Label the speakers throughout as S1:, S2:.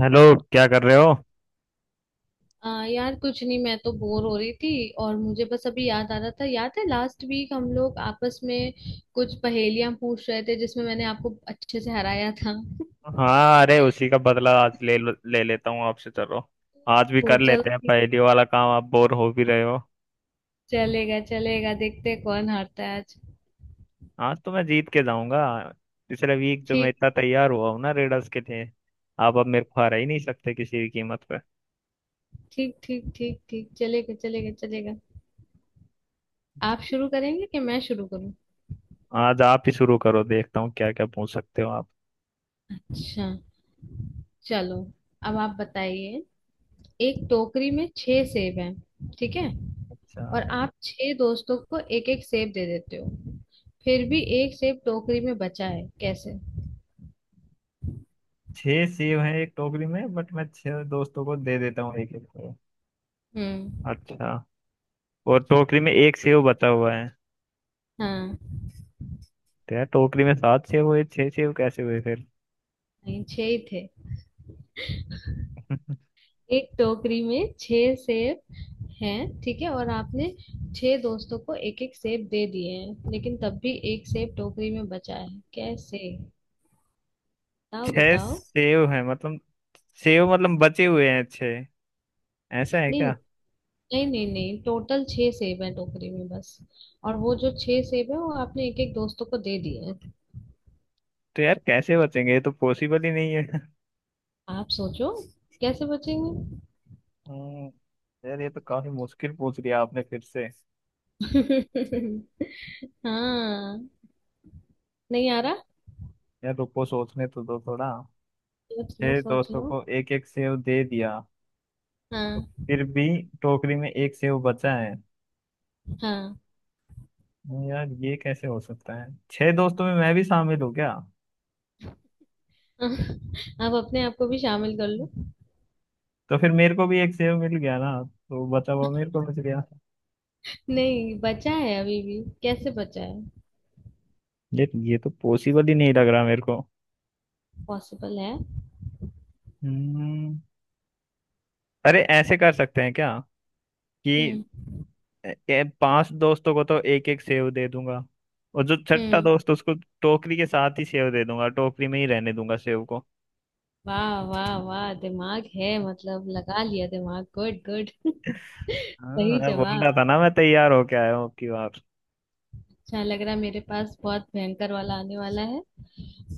S1: Hello. क्या कर रहे हो।
S2: यार कुछ नहीं, मैं तो बोर हो रही थी और मुझे बस अभी याद आ रहा था। याद है लास्ट वीक हम लोग आपस में कुछ पहेलियां पूछ रहे थे जिसमें मैंने आपको अच्छे से हराया था।
S1: हाँ, अरे उसी का बदला आज ले लेता हूँ आपसे। चलो। आज भी
S2: ओ
S1: कर
S2: चलो,
S1: लेते हैं
S2: ठीक।
S1: पहली वाला काम। आप बोर हो भी रहे हो।
S2: चलेगा चलेगा, देखते हैं कौन हारता है आज।
S1: आज तो मैं जीत के जाऊंगा। पिछले वीक जो मैं
S2: ठीक,
S1: इतना तैयार हुआ हूँ ना रेडर्स के लिए। आप अब मेरे को हरा ही नहीं सकते किसी भी कीमत पे।
S2: ठीक, ठीक, ठीक, ठीक, ठीक। चलेगा चलेगा चलेगा। आप शुरू करेंगे कि मैं शुरू करूं?
S1: आज आप ही शुरू करो। देखता हूँ क्या क्या पूछ सकते हो आप।
S2: अच्छा। चलो। अब आप बताइए। एक टोकरी में छह सेब हैं, ठीक है।
S1: अच्छा।
S2: और आप छह दोस्तों को एक एक सेब दे देते हो, फिर भी एक सेब टोकरी में बचा है, कैसे?
S1: छह सेब हैं एक टोकरी में, बट मैं छह दोस्तों को दे देता हूँ एक एक को।
S2: हम्म।
S1: अच्छा। और टोकरी में एक सेव बचा हुआ है।
S2: हाँ।
S1: तो यार टोकरी में सात सेव हुए, छह सेव कैसे हुए फिर?
S2: नहीं, छह ही थे। एक टोकरी में छह सेब हैं, ठीक है। और आपने छह दोस्तों को एक एक सेब दे दिए हैं, लेकिन तब भी एक सेब टोकरी में बचा है, कैसे? बताओ
S1: छह
S2: बताओ।
S1: सेव है मतलब, सेव मतलब बचे हुए हैं छह। ऐसा है
S2: नहीं,
S1: क्या।
S2: नहीं, नहीं, नहीं, टोटल छह सेब है टोकरी में बस। और वो जो छह सेब है वो आपने एक एक दोस्तों को दे दिए हैं।
S1: तो यार कैसे बचेंगे, ये तो पॉसिबल ही नहीं है।
S2: आप सोचो, कैसे बचेंगे?
S1: हम्म, यार ये तो काफी मुश्किल पूछ लिया आपने फिर से।
S2: हाँ, नहीं आ रहा।
S1: यार रुको, सोचने तो दो थोड़ा।
S2: सोच लो
S1: छह
S2: सोच
S1: दोस्तों
S2: लो।
S1: को एक एक सेव दे दिया। तो
S2: हाँ।
S1: फिर भी टोकरी में एक सेव बचा है।
S2: हाँ।
S1: यार ये कैसे हो सकता है, छह दोस्तों में मैं भी शामिल हूँ क्या।
S2: आप अपने आप को भी शामिल कर लो।
S1: तो फिर मेरे को भी एक सेव मिल गया ना। तो बचा हुआ मेरे को बच गया।
S2: नहीं बचा है अभी भी, कैसे बचा है?
S1: ये तो पॉसिबल ही नहीं लग रहा मेरे को।
S2: पॉसिबल है।
S1: हम्म, अरे ऐसे कर सकते हैं क्या। कि
S2: हम्म।
S1: पांच दोस्तों को तो एक एक सेव दे दूंगा। और जो छठा
S2: हम्म।
S1: दोस्त उसको टोकरी के साथ ही सेव दे दूंगा, टोकरी में ही रहने दूंगा सेव को।
S2: वाह वाह वाह, दिमाग है, मतलब लगा लिया दिमाग, गुड गुड।
S1: हाँ,
S2: सही
S1: मैं बोल
S2: जवाब।
S1: रहा था ना, मैं तैयार होके आया हूँ आपकी बार।
S2: अच्छा लग रहा है, मेरे पास बहुत भयंकर वाला आने वाला है।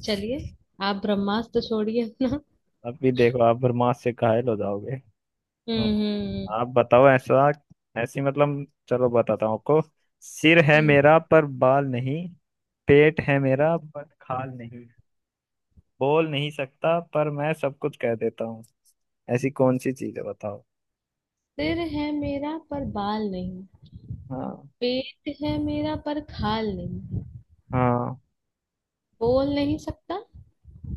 S2: चलिए, आप ब्रह्मास्त्र छोड़िए अपना।
S1: अब भी देखो, आप बर्मास से घायल हो जाओगे। हम्म,
S2: हम्म। हम्म।
S1: आप बताओ ऐसा। ऐसी मतलब चलो, बताता हूँ आपको। सिर है
S2: हम्म।
S1: मेरा पर बाल नहीं। पेट है मेरा पर खाल नहीं। बोल नहीं सकता पर मैं सब कुछ कह देता हूँ। ऐसी कौन सी चीज है बताओ।
S2: सिर है मेरा पर बाल नहीं,
S1: हाँ।
S2: पेट है मेरा पर खाल नहीं है,
S1: हाँ।
S2: बोल नहीं सकता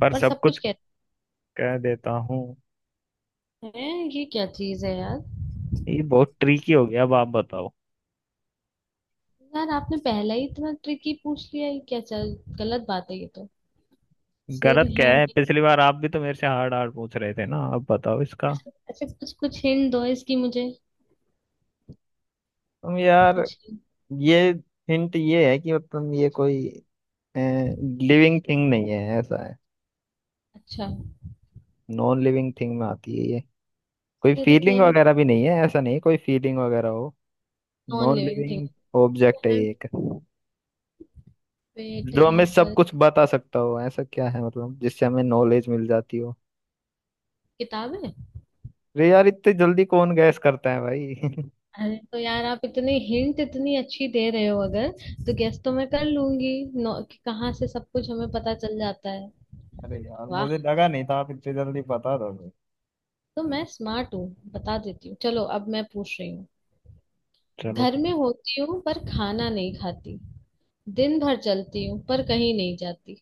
S1: पर
S2: पर
S1: सब
S2: सब कुछ
S1: कुछ
S2: कहता
S1: कह देता हूँ।
S2: है। ये क्या चीज है यार?
S1: ये बहुत ट्रिकी हो गया, अब आप बताओ।
S2: यार आपने पहला ही इतना ट्रिकी पूछ लिया, ये क्या, चल गलत बात है ये तो। सिर
S1: गलत क्या
S2: है
S1: है,
S2: मे-
S1: पिछली बार आप भी तो मेरे से हार्ड हार्ड पूछ रहे थे ना, अब बताओ इसका।
S2: अच्छा, कुछ कुछ हिंट दो इसकी मुझे।
S1: तुम यार।
S2: कुछ hint।
S1: ये हिंट ये है कि मतलब ये कोई लिविंग थिंग नहीं है, ऐसा है।
S2: अच्छा।
S1: नॉन लिविंग थिंग में आती है ये। कोई
S2: सिर है।
S1: फीलिंग वगैरह भी नहीं है, ऐसा नहीं है कोई फीलिंग वगैरह हो।
S2: Non
S1: non
S2: living thing.
S1: Living
S2: सिर
S1: ऑब्जेक्ट है
S2: है,
S1: ये एक।
S2: पेट
S1: जो हमें
S2: है
S1: सब
S2: पर,
S1: कुछ बता सकता हो ऐसा क्या है मतलब, जिससे हमें नॉलेज मिल जाती हो।
S2: किताब है!
S1: अरे यार इतनी जल्दी कौन गैस करता है भाई।
S2: अरे तो यार, आप इतने हिंट इतनी अच्छी दे रहे हो अगर, तो गेस तो मैं कर लूंगी। नौ- कि कहाँ से सब कुछ हमें पता चल जाता है।
S1: अरे यार,
S2: वाह।
S1: मुझे लगा नहीं था आप इतनी जल्दी बता दोगे।
S2: तो मैं स्मार्ट हूँ, बता देती हूँ। चलो अब मैं पूछ रही हूँ।
S1: चलो।
S2: घर में होती हूँ पर खाना नहीं खाती, दिन भर चलती हूँ पर कहीं नहीं जाती।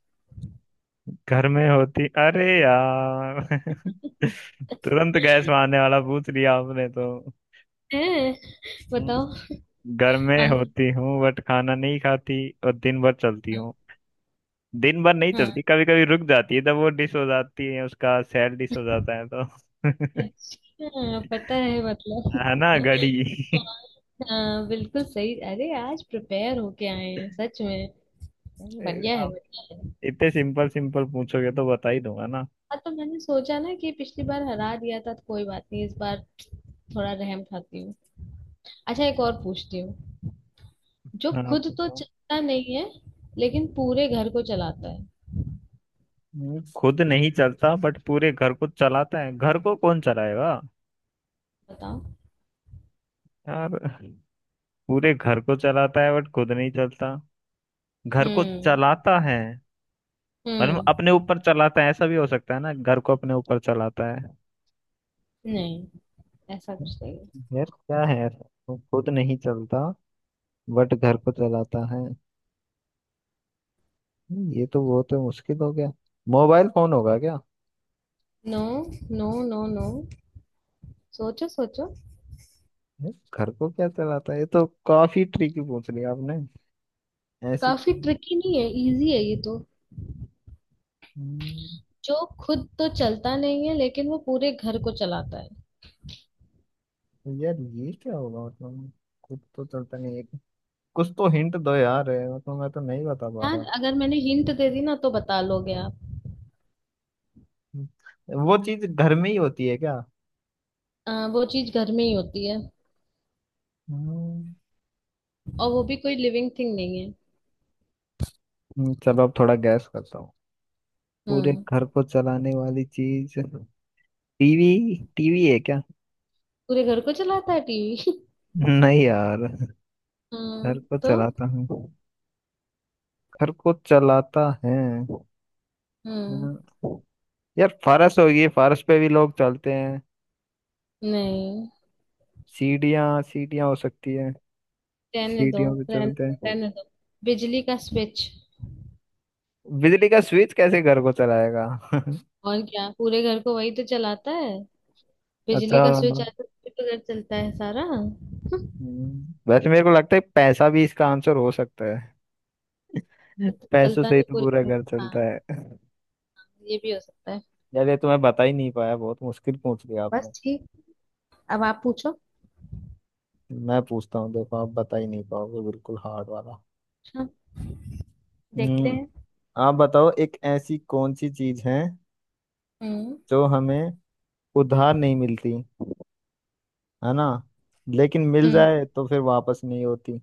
S1: घर में होती, अरे यार। तुरंत गैस मारने वाला पूछ लिया आपने तो।
S2: है? बताओ।
S1: हम्म, घर में
S2: आंसर।
S1: होती हूँ बट खाना नहीं खाती। और दिन भर चलती हूँ। दिन भर नहीं
S2: हाँ।
S1: चलती, कभी कभी रुक जाती है जब वो डिश हो जाती है, उसका सैड डिश हो जाता है तो।
S2: अच्छा, पता है मतलब।
S1: है ना, घड़ी।
S2: हाँ। हाँ, बिल्कुल सही। अरे आज प्रिपेयर होके आए हैं सच में।
S1: अरे,
S2: बढ़िया है
S1: आप
S2: बढ़िया है।
S1: इतने सिंपल सिंपल पूछोगे तो बता ही दूंगा ना।
S2: हाँ तो मैंने सोचा ना कि पिछली बार हरा दिया था तो कोई बात नहीं, इस बार थोड़ा रहम खाती हूँ। अच्छा, एक और पूछती हूँ। जो
S1: हाँ,
S2: खुद तो
S1: पूछो।
S2: चलता नहीं है, लेकिन पूरे घर को चलाता है।
S1: खुद नहीं चलता बट पूरे घर को चलाता है, घर को कौन चलाएगा।
S2: बताओ।
S1: यार पूरे घर को चलाता है बट खुद नहीं चलता। घर को
S2: हम्म।
S1: चलाता है। और अपने
S2: हम्म।
S1: ऊपर चलाता है, ऐसा भी हो सकता है ना, घर को अपने ऊपर चलाता है।
S2: नहीं, ऐसा कुछ नहीं है।
S1: यार क्या है ऐसा, वो खुद नहीं चलता। बट घर को चलाता है। ये तो बहुत मुश्किल हो गया। मोबाइल फोन होगा क्या।
S2: No, no, no, no. सोचो सोचो।
S1: ये घर को क्या चलाता है, ये तो काफी ट्रिकी पूछ लिया आपने। ऐसी
S2: काफी
S1: कौन-
S2: ट्रिकी नहीं है, इजी है ये तो।
S1: हम्म,
S2: जो खुद तो चलता नहीं है लेकिन वो पूरे घर को चलाता है।
S1: तो यार ये क्या होगा मतलब। खुद तो चलता नहीं है। कुछ तो हिंट दो यार। मतलब मैं तो नहीं बता पा
S2: यार
S1: रहा।
S2: अगर मैंने हिंट दे दी ना तो बता लोगे आप।
S1: हम्म, वो चीज घर में ही होती है क्या।
S2: वो चीज घर में ही होती है।
S1: हम्म,
S2: और वो भी कोई लिविंग थिंग नहीं है।
S1: चलो अब थोड़ा गैस करता हूँ। पूरे
S2: हम्म।
S1: घर को चलाने वाली चीज। टीवी टीवी है क्या।
S2: पूरे घर को चलाता है टीवी?
S1: नहीं यार। घर को
S2: तो।
S1: चलाता हूँ। घर को चलाता है।
S2: हम्म।
S1: हम्म, यार फारस होगी, फारस पे भी लोग चलते हैं।
S2: नहीं,
S1: सीढ़ियाँ सीढ़ियाँ हो सकती है।
S2: रहने दो,
S1: सीढ़ियों पे
S2: रहने
S1: चलते
S2: दो,
S1: हैं।
S2: रहने दो। बिजली का स्विच।
S1: बिजली का स्विच कैसे घर को चलाएगा।
S2: और क्या, पूरे घर को वही तो चलाता है।
S1: अच्छा।
S2: बिजली का स्विच आता है तभी तो पूरे घर चलता है सारा।
S1: वैसे मेरे को लगता है पैसा भी इसका आंसर हो सकता है।
S2: तो
S1: पैसों
S2: चलता
S1: से ही
S2: नहीं
S1: तो
S2: पूरे
S1: पूरा
S2: घर को।
S1: घर
S2: हाँ,
S1: चलता है।
S2: ये भी हो सकता है।
S1: यार ये तो मैं बता ही नहीं पाया, बहुत मुश्किल पूछ लिया
S2: बस,
S1: आपने।
S2: ठीक। अब आप पूछो।
S1: मैं पूछता हूँ, देखो आप बता ही नहीं पाओगे, बिल्कुल हार्ड वाला।
S2: अच्छा। देखते
S1: हम्म,
S2: हैं।
S1: आप बताओ एक ऐसी कौन सी चीज है,
S2: हम्म।
S1: जो हमें उधार नहीं मिलती, है ना, लेकिन मिल
S2: हम्म।
S1: जाए तो फिर वापस नहीं होती।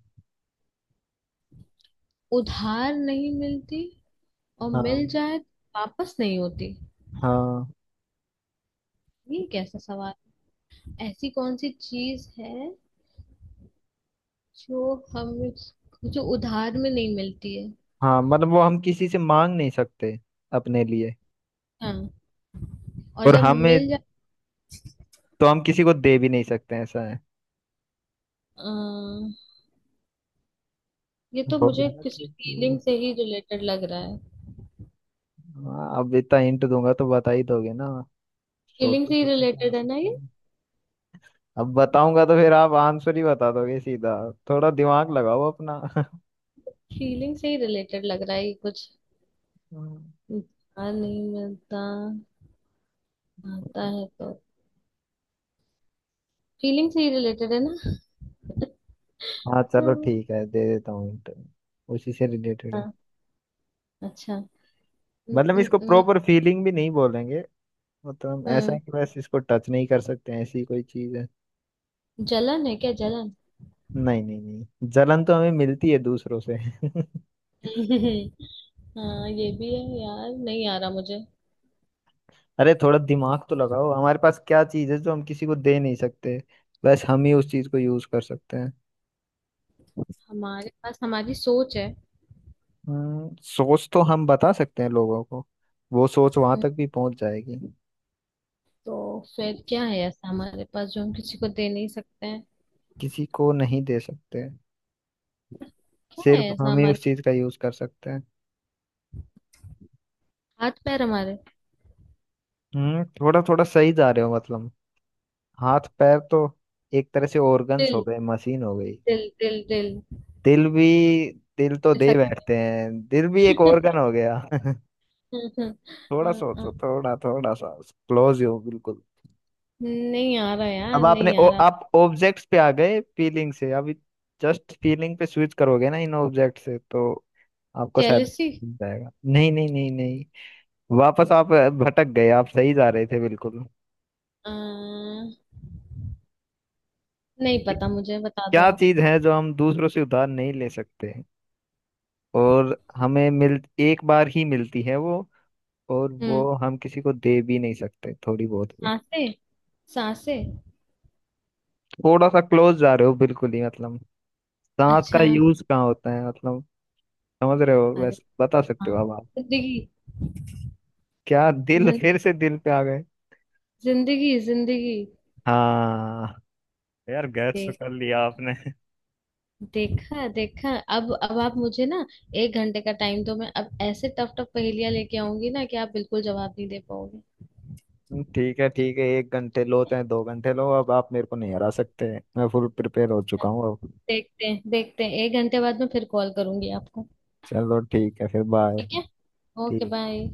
S2: उधार नहीं मिलती, और मिल
S1: हाँ।
S2: जाए तो वापस नहीं होती।
S1: हाँ।
S2: ये कैसा सवाल? ऐसी कौन सी चीज है जो हमें, जो उधार में नहीं मिलती है।
S1: हाँ, मतलब वो हम किसी से मांग नहीं सकते अपने लिए।
S2: हाँ। और
S1: और
S2: जब
S1: हमें,
S2: मिल जाए।
S1: तो हम किसी को दे भी नहीं सकते, ऐसा है।
S2: अम्म, ये तो
S1: हो गया
S2: मुझे
S1: ना
S2: किसी
S1: ट्रिक ये?
S2: फीलिंग से ही रिलेटेड लग रहा है।
S1: हाँ, अब इतना हिंट दूंगा तो बता ही दोगे ना।
S2: फीलिंग
S1: सोचो
S2: से ही
S1: सोचो क्या हो
S2: रिलेटेड है ना
S1: सकता
S2: ये?
S1: है। अब बताऊंगा तो फिर आप आंसर ही बता दोगे सीधा। थोड़ा दिमाग लगाओ अपना।
S2: फीलिंग से ही रिलेटेड लग रहा है ये कुछ।
S1: हम्म।
S2: आ नहीं मिलता, आता है तो, फीलिंग से ही रिलेटेड है ना?
S1: हाँ, चलो
S2: हम्म,
S1: ठीक है, दे देता हूँ हिंट। उसी से रिलेटेड है।
S2: हाँ। अच्छा। न,
S1: मतलब
S2: न,
S1: इसको
S2: न,
S1: प्रॉपर फीलिंग भी नहीं बोलेंगे। मतलब हम, ऐसा है
S2: न,
S1: कि बस इसको टच नहीं कर सकते हैं, ऐसी कोई चीज है।
S2: जलन है क्या, जलन?
S1: नहीं नहीं नहीं, जलन तो हमें मिलती है दूसरों से।
S2: हाँ ये भी है, यार नहीं आ रहा मुझे।
S1: अरे थोड़ा दिमाग तो लगाओ, हमारे पास क्या चीज है जो हम किसी को दे नहीं सकते। बस हम ही उस चीज को यूज कर सकते हैं।
S2: हमारे पास हमारी सोच है।
S1: सोच तो हम बता सकते हैं लोगों को। वो सोच वहां तक भी पहुंच जाएगी।
S2: तो फिर क्या है ऐसा हमारे पास जो हम किसी को दे नहीं सकते हैं?
S1: किसी को नहीं दे सकते।
S2: क्या है
S1: सिर्फ
S2: ऐसा
S1: हम ही
S2: हमारे,
S1: उस चीज का यूज कर सकते हैं।
S2: हाथ पैर हमारे।
S1: थोड़ा थोड़ा सही जा रहे हो मतलब। हाथ पैर तो एक तरह से ऑर्गन्स हो
S2: दिल,
S1: गए, मशीन हो गई।
S2: दिल, दिल, दिल।
S1: दिल भी। दिल तो दे
S2: ऐसा?
S1: बैठते हैं, दिल भी एक organ हो गया। थोड़ा सोचो, थोड़ा थोड़ा सा। क्लोज हो बिल्कुल।
S2: नहीं आ रहा
S1: अब
S2: यार,
S1: आपने,
S2: नहीं
S1: ओ,
S2: आ रहा।
S1: आप ऑब्जेक्ट्स पे आ गए फीलिंग से अभी। जस्ट फीलिंग पे स्विच करोगे ना इन ऑब्जेक्ट से तो, आपको शायद
S2: जेलसी।
S1: मिल जाएगा। नहीं नहीं नहीं नहीं, वापस आप भटक गए, आप सही जा रहे थे बिल्कुल।
S2: नहीं पता, मुझे बता दो
S1: क्या
S2: आप।
S1: चीज है जो हम दूसरों से उधार नहीं ले सकते। और हमें मिल एक बार ही मिलती है वो। और वो
S2: हम्म।
S1: हम किसी को दे भी नहीं सकते, थोड़ी बहुत भी।
S2: सांसे। सांसे।
S1: थोड़ा सा क्लोज जा रहे हो बिल्कुल ही, मतलब। सांस का
S2: अच्छा।
S1: यूज कहाँ होता है मतलब। समझ रहे हो,
S2: अरे।
S1: वैसे बता सकते
S2: हाँ।
S1: हो अब आप।
S2: जिंदगी।
S1: क्या, दिल
S2: जिन-
S1: फिर से दिल पे आ गए।
S2: जिंदगी, जिंदगी।
S1: हाँ। यार गैस तो
S2: देख-
S1: कर लिया आपने।
S2: देखा, देखा। अब आप मुझे ना, एक घंटे का टाइम दो, मैं अब ऐसे टफ टफ पहेलियां लेके आऊंगी ना कि आप बिल्कुल जवाब नहीं दे पाओगे।
S1: ठीक है ठीक है, 1 घंटे लो चाहे 2 घंटे लो, अब आप मेरे को नहीं हरा सकते। मैं फुल प्रिपेयर हो चुका हूँ अब।
S2: देखते हैं देखते हैं, एक घंटे बाद में फिर कॉल करूंगी आपको।
S1: चलो ठीक है, फिर बाय।
S2: ठीक है। ओके
S1: ठीक।
S2: बाय।